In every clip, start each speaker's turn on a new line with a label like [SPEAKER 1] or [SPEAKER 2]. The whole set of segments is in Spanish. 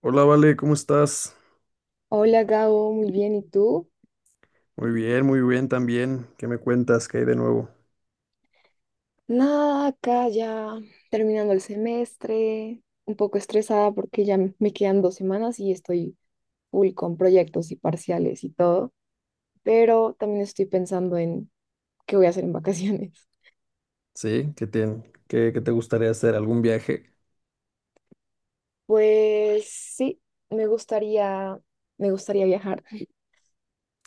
[SPEAKER 1] Hola, Vale, ¿cómo estás?
[SPEAKER 2] Hola Gabo, muy bien, ¿y tú?
[SPEAKER 1] Muy bien también. ¿Qué me cuentas? ¿Qué hay de nuevo?
[SPEAKER 2] Nada, acá ya terminando el semestre, un poco estresada porque ya me quedan dos semanas y estoy full con proyectos y parciales y todo, pero también estoy pensando en qué voy a hacer en vacaciones.
[SPEAKER 1] Sí, ¿qué te, qué, qué te gustaría hacer? ¿Algún viaje?
[SPEAKER 2] Pues sí, me gustaría, me gustaría viajar.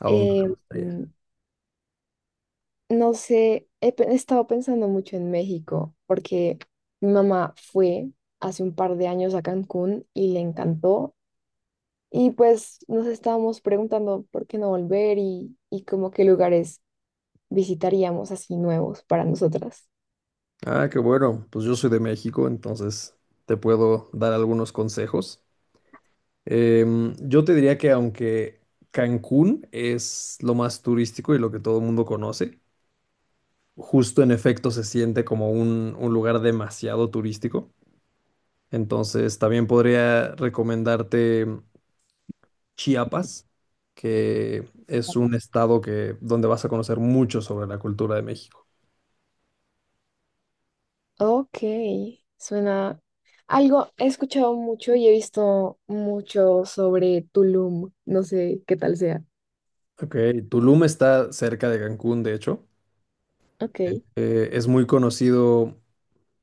[SPEAKER 1] ¿A dónde te
[SPEAKER 2] Eh,
[SPEAKER 1] gustaría?
[SPEAKER 2] mm, no sé, he estado pensando mucho en México porque mi mamá fue hace un par de años a Cancún y le encantó. Y pues nos estábamos preguntando por qué no volver y como qué lugares visitaríamos así nuevos para nosotras.
[SPEAKER 1] Ah, qué bueno. Pues yo soy de México, entonces te puedo dar algunos consejos. Yo te diría que, aunque Cancún es lo más turístico y lo que todo el mundo conoce, justo en efecto se siente como un lugar demasiado turístico. Entonces también podría recomendarte Chiapas, que es un estado donde vas a conocer mucho sobre la cultura de México.
[SPEAKER 2] Ok, suena algo, he escuchado mucho y he visto mucho sobre Tulum, no sé qué tal sea.
[SPEAKER 1] Ok, Tulum está cerca de Cancún, de hecho.
[SPEAKER 2] Ok.
[SPEAKER 1] Es muy conocido,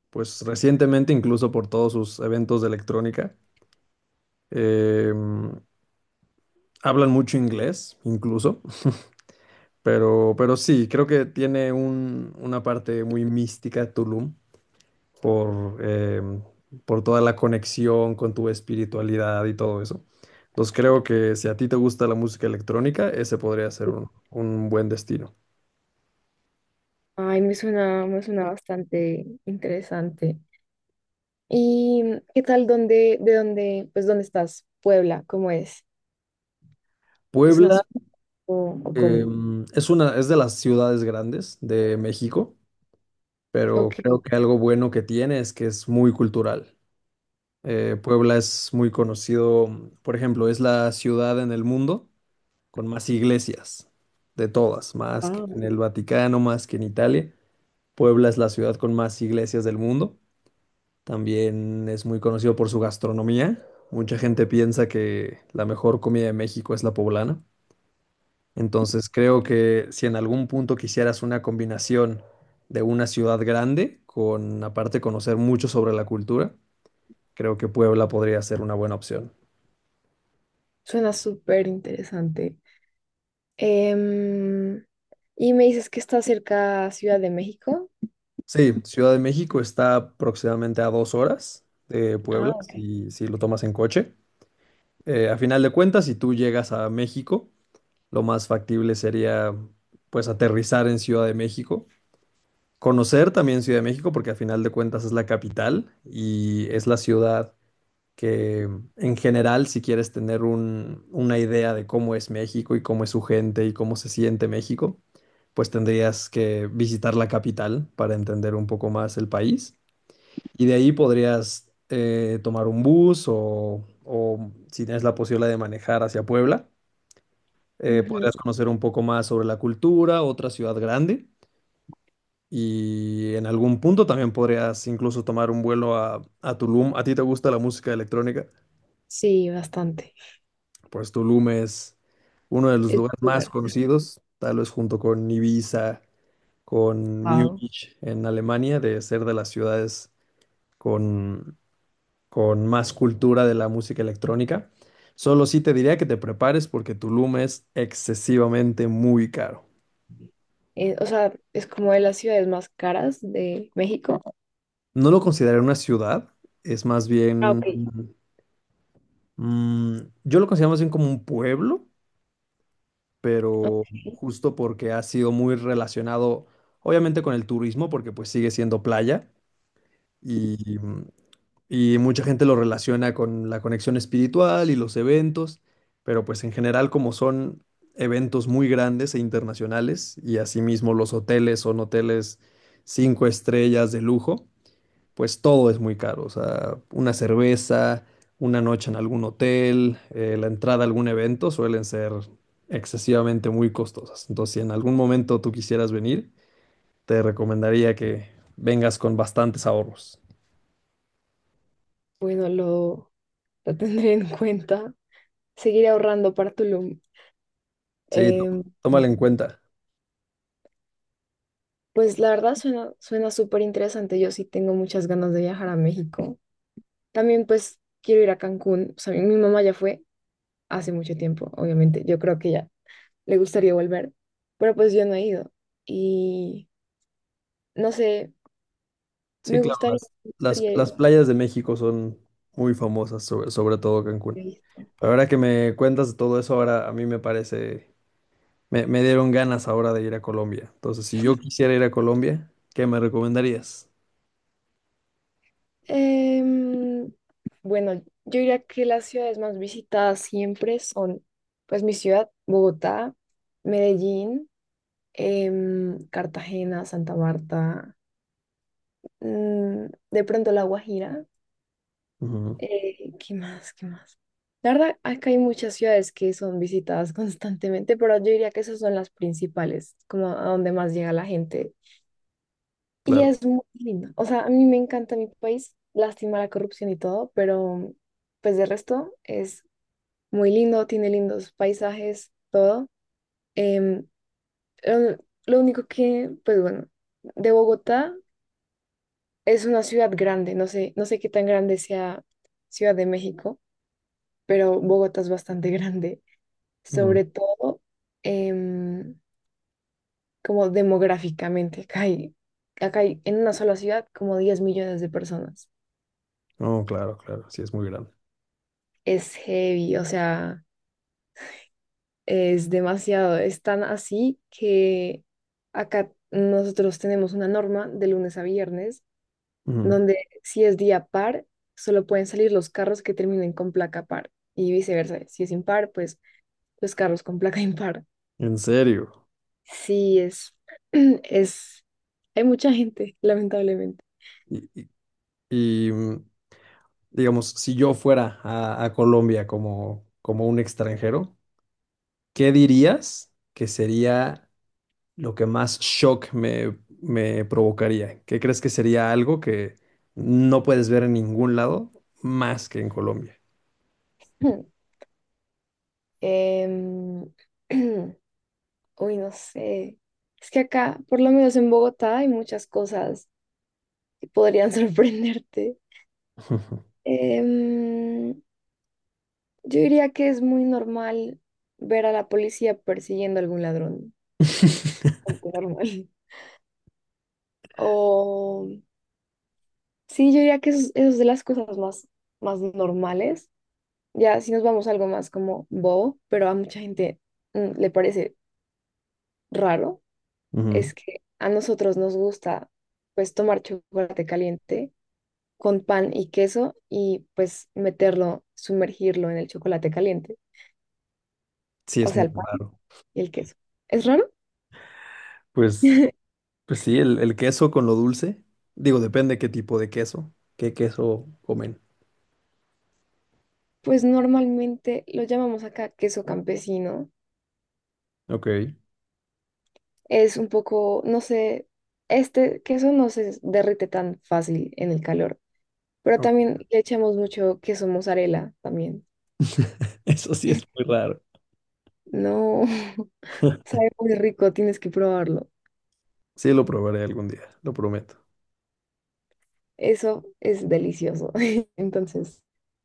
[SPEAKER 1] pues recientemente incluso por todos sus eventos de electrónica. Eh, Hablan mucho inglés, incluso. Pero sí, creo que tiene una parte muy mística Tulum, por por toda la conexión con tu espiritualidad y todo eso. Entonces creo que si a ti te gusta la música electrónica, ese podría ser un buen destino.
[SPEAKER 2] Ay, me suena bastante interesante. ¿Y qué tal pues dónde estás? Puebla, ¿cómo es? ¿Es una
[SPEAKER 1] Puebla
[SPEAKER 2] ciudad o cómo?
[SPEAKER 1] es una, es de las ciudades grandes de México, pero
[SPEAKER 2] Ok.
[SPEAKER 1] creo que algo bueno que tiene es que es muy cultural. Puebla es muy conocido, por ejemplo, es la ciudad en el mundo con más iglesias de todas, más que
[SPEAKER 2] Wow.
[SPEAKER 1] en el Vaticano, más que en Italia. Puebla es la ciudad con más iglesias del mundo. También es muy conocido por su gastronomía. Mucha gente piensa que la mejor comida de México es la poblana. Entonces creo que si en algún punto quisieras una combinación de una ciudad grande con aparte conocer mucho sobre la cultura, creo que Puebla podría ser una buena opción.
[SPEAKER 2] Suena súper interesante. Em, y me dices que está cerca a Ciudad de México.
[SPEAKER 1] Sí, Ciudad de México está aproximadamente a dos horas de Puebla,
[SPEAKER 2] Ah, ok.
[SPEAKER 1] si lo tomas en coche. A final de cuentas, si tú llegas a México, lo más factible sería pues aterrizar en Ciudad de México, conocer también Ciudad de México porque a final de cuentas es la capital y es la ciudad que en general, si quieres tener una idea de cómo es México y cómo es su gente y cómo se siente México, pues tendrías que visitar la capital para entender un poco más el país y de ahí podrías tomar un bus o si tienes la posibilidad de manejar hacia Puebla
[SPEAKER 2] Ujú.
[SPEAKER 1] podrías conocer un poco más sobre la cultura, otra ciudad grande. Y en algún punto también podrías incluso tomar un vuelo a Tulum. ¿A ti te gusta la música electrónica?
[SPEAKER 2] Sí, bastante.
[SPEAKER 1] Pues Tulum es uno de los
[SPEAKER 2] Es
[SPEAKER 1] lugares más
[SPEAKER 2] popular.
[SPEAKER 1] conocidos, tal vez junto con Ibiza, con
[SPEAKER 2] Wow.
[SPEAKER 1] Múnich en Alemania, de ser de las ciudades con, con más cultura de la música electrónica. Solo sí te diría que te prepares porque Tulum es excesivamente muy caro.
[SPEAKER 2] O sea, es como de las ciudades más caras de México.
[SPEAKER 1] No lo consideraría una ciudad, es más
[SPEAKER 2] Ah, ok.
[SPEAKER 1] bien, mm, yo lo considero más bien como un pueblo, pero
[SPEAKER 2] Ok.
[SPEAKER 1] justo porque ha sido muy relacionado, obviamente, con el turismo, porque pues sigue siendo playa y y mucha gente lo relaciona con la conexión espiritual y los eventos, pero pues en general, como son eventos muy grandes e internacionales y asimismo los hoteles son hoteles cinco estrellas de lujo, pues todo es muy caro. O sea, una cerveza, una noche en algún hotel, la entrada a algún evento suelen ser excesivamente muy costosas. Entonces, si en algún momento tú quisieras venir, te recomendaría que vengas con bastantes ahorros.
[SPEAKER 2] Bueno, lo tendré en cuenta. Seguiré ahorrando para Tulum.
[SPEAKER 1] Sí,
[SPEAKER 2] Em,
[SPEAKER 1] tómalo en cuenta.
[SPEAKER 2] pues la verdad suena súper interesante. Yo sí tengo muchas ganas de viajar a México. También pues quiero ir a Cancún. O sea, mi mamá ya fue hace mucho tiempo, obviamente. Yo creo que ya le gustaría volver, pero pues yo no he ido. Y no sé,
[SPEAKER 1] Sí, claro,
[SPEAKER 2] me gustaría
[SPEAKER 1] las
[SPEAKER 2] ir.
[SPEAKER 1] playas de México son muy famosas, sobre todo
[SPEAKER 2] ¿Qué
[SPEAKER 1] Cancún.
[SPEAKER 2] he visto?
[SPEAKER 1] Pero ahora que me cuentas de todo eso, ahora a mí me parece, me dieron ganas ahora de ir a Colombia. Entonces, si yo quisiera ir a Colombia, ¿qué me recomendarías?
[SPEAKER 2] Em, bueno, yo diría que las ciudades más visitadas siempre son, pues mi ciudad, Bogotá, Medellín, Cartagena, Santa Marta, mm, de pronto La Guajira.
[SPEAKER 1] Ujú,
[SPEAKER 2] ¿Qué más? La verdad, acá hay muchas ciudades que son visitadas constantemente, pero yo diría que esas son las principales, como a donde más llega la gente. Y
[SPEAKER 1] claro.
[SPEAKER 2] es muy lindo. O sea, a mí me encanta mi país, lástima la corrupción y todo, pero pues de resto es muy lindo, tiene lindos paisajes, todo. Em, lo, lo único que, pues bueno, de Bogotá, es una ciudad grande, no sé qué tan grande sea Ciudad de México, pero Bogotá es bastante grande.
[SPEAKER 1] Ujú.
[SPEAKER 2] Sobre todo em, como demográficamente. Acá hay en una sola ciudad como 10 millones de personas.
[SPEAKER 1] Oh, claro, claro. Sí, es muy grande.
[SPEAKER 2] Es heavy, o sea, es demasiado. Es tan así que acá nosotros tenemos una norma de lunes a viernes
[SPEAKER 1] Ujú.
[SPEAKER 2] donde si es día par, solo pueden salir los carros que terminen con placa par y viceversa. Si es impar, pues los carros con placa impar.
[SPEAKER 1] ¿En serio?
[SPEAKER 2] Sí, es, hay mucha gente, lamentablemente.
[SPEAKER 1] Y, y- y digamos, si yo fuera a Colombia como, como un extranjero, ¿qué dirías que sería lo que más shock me provocaría? ¿Qué crees que sería algo que no puedes ver en ningún lado más que en Colombia?
[SPEAKER 2] Em, uy, no sé. Es que acá, por lo menos en Bogotá, hay muchas cosas que podrían sorprenderte. Em, yo diría que es muy normal ver a la policía persiguiendo a algún ladrón. Algo normal. O sí, yo diría que eso es de las cosas más normales. Ya si nos vamos a algo más como bobo, pero a mucha gente le parece raro.
[SPEAKER 1] Ujú.
[SPEAKER 2] Es que a nosotros nos gusta pues tomar chocolate caliente con pan y queso y pues meterlo, sumergirlo en el chocolate caliente,
[SPEAKER 1] Sí,
[SPEAKER 2] o
[SPEAKER 1] es
[SPEAKER 2] sea,
[SPEAKER 1] muy
[SPEAKER 2] el pan
[SPEAKER 1] raro.
[SPEAKER 2] y el queso. ¿Es raro?
[SPEAKER 1] Pues, pues sí, el queso con lo dulce. Digo, depende qué tipo de queso, qué queso comen.
[SPEAKER 2] Pues normalmente lo llamamos acá queso campesino.
[SPEAKER 1] Ok.
[SPEAKER 2] Es un poco, no sé, este queso no se derrite tan fácil en el calor, pero
[SPEAKER 1] Ok.
[SPEAKER 2] también le echamos mucho queso mozzarella también.
[SPEAKER 1] Eso sí es muy raro.
[SPEAKER 2] No, sabe muy rico, tienes que probarlo.
[SPEAKER 1] Sí, lo probaré algún día, lo prometo.
[SPEAKER 2] Eso es delicioso. Entonces,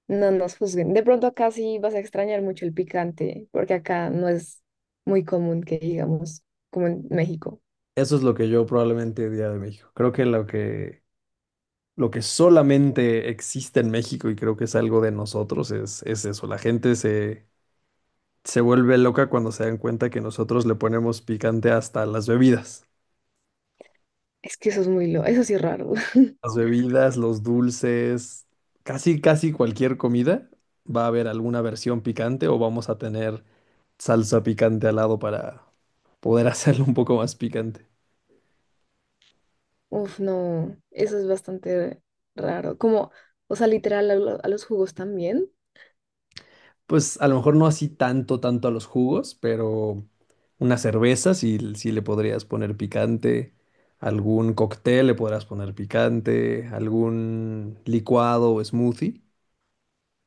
[SPEAKER 2] no nos juzguen. De pronto acá sí vas a extrañar mucho el picante, porque acá no es muy común que digamos, como en México.
[SPEAKER 1] Eso es lo que yo probablemente diría de México. Creo que lo que solamente existe en México y creo que es algo de nosotros es eso. Se vuelve loca cuando se dan cuenta que nosotros le ponemos picante hasta las bebidas.
[SPEAKER 2] Es que eso es muy lo, eso sí es raro.
[SPEAKER 1] Las bebidas, los dulces, casi cualquier comida va a haber alguna versión picante o vamos a tener salsa picante al lado para poder hacerlo un poco más picante.
[SPEAKER 2] Uf, no, eso es bastante raro. Como, o sea, literal, a los jugos también.
[SPEAKER 1] Pues a lo mejor no así tanto a los jugos, pero una cerveza sí, sí le podrías poner picante, algún cóctel le podrás poner picante, algún licuado o smoothie.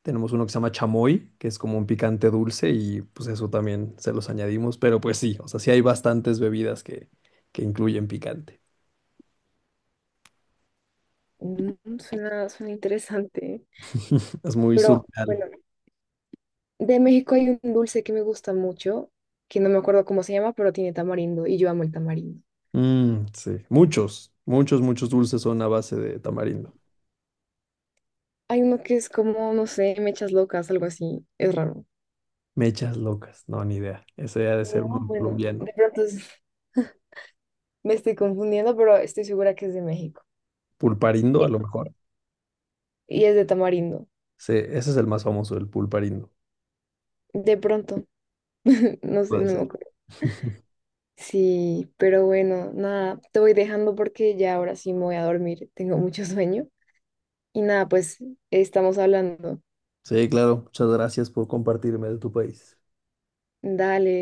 [SPEAKER 1] Tenemos uno que se llama chamoy, que es como un picante dulce y pues eso también se los añadimos, pero pues sí, o sea, sí hay bastantes bebidas que incluyen picante.
[SPEAKER 2] Mm, suena interesante.
[SPEAKER 1] Es muy
[SPEAKER 2] Pero
[SPEAKER 1] surreal.
[SPEAKER 2] bueno, de México hay un dulce que me gusta mucho, que no me acuerdo cómo se llama, pero tiene tamarindo y yo amo el tamarindo.
[SPEAKER 1] Sí, muchos dulces son a base de tamarindo.
[SPEAKER 2] Hay uno que es como, no sé, mechas locas, algo así. Es raro.
[SPEAKER 1] Mechas locas, no, ni idea. Ese ha de ser
[SPEAKER 2] No,
[SPEAKER 1] uno
[SPEAKER 2] bueno,
[SPEAKER 1] colombiano.
[SPEAKER 2] me estoy confundiendo, pero estoy segura que es de México.
[SPEAKER 1] Pulparindo, a
[SPEAKER 2] Y
[SPEAKER 1] lo mejor.
[SPEAKER 2] y es de tamarindo.
[SPEAKER 1] Sí, ese es el más famoso, el pulparindo.
[SPEAKER 2] De pronto. No sé,
[SPEAKER 1] Puede
[SPEAKER 2] no me
[SPEAKER 1] ser.
[SPEAKER 2] acuerdo. Sí, pero bueno, nada, te voy dejando porque ya ahora sí me voy a dormir. Tengo mucho sueño. Y nada, pues estamos hablando.
[SPEAKER 1] Sí, claro. Muchas gracias por compartirme de tu país.
[SPEAKER 2] Dale.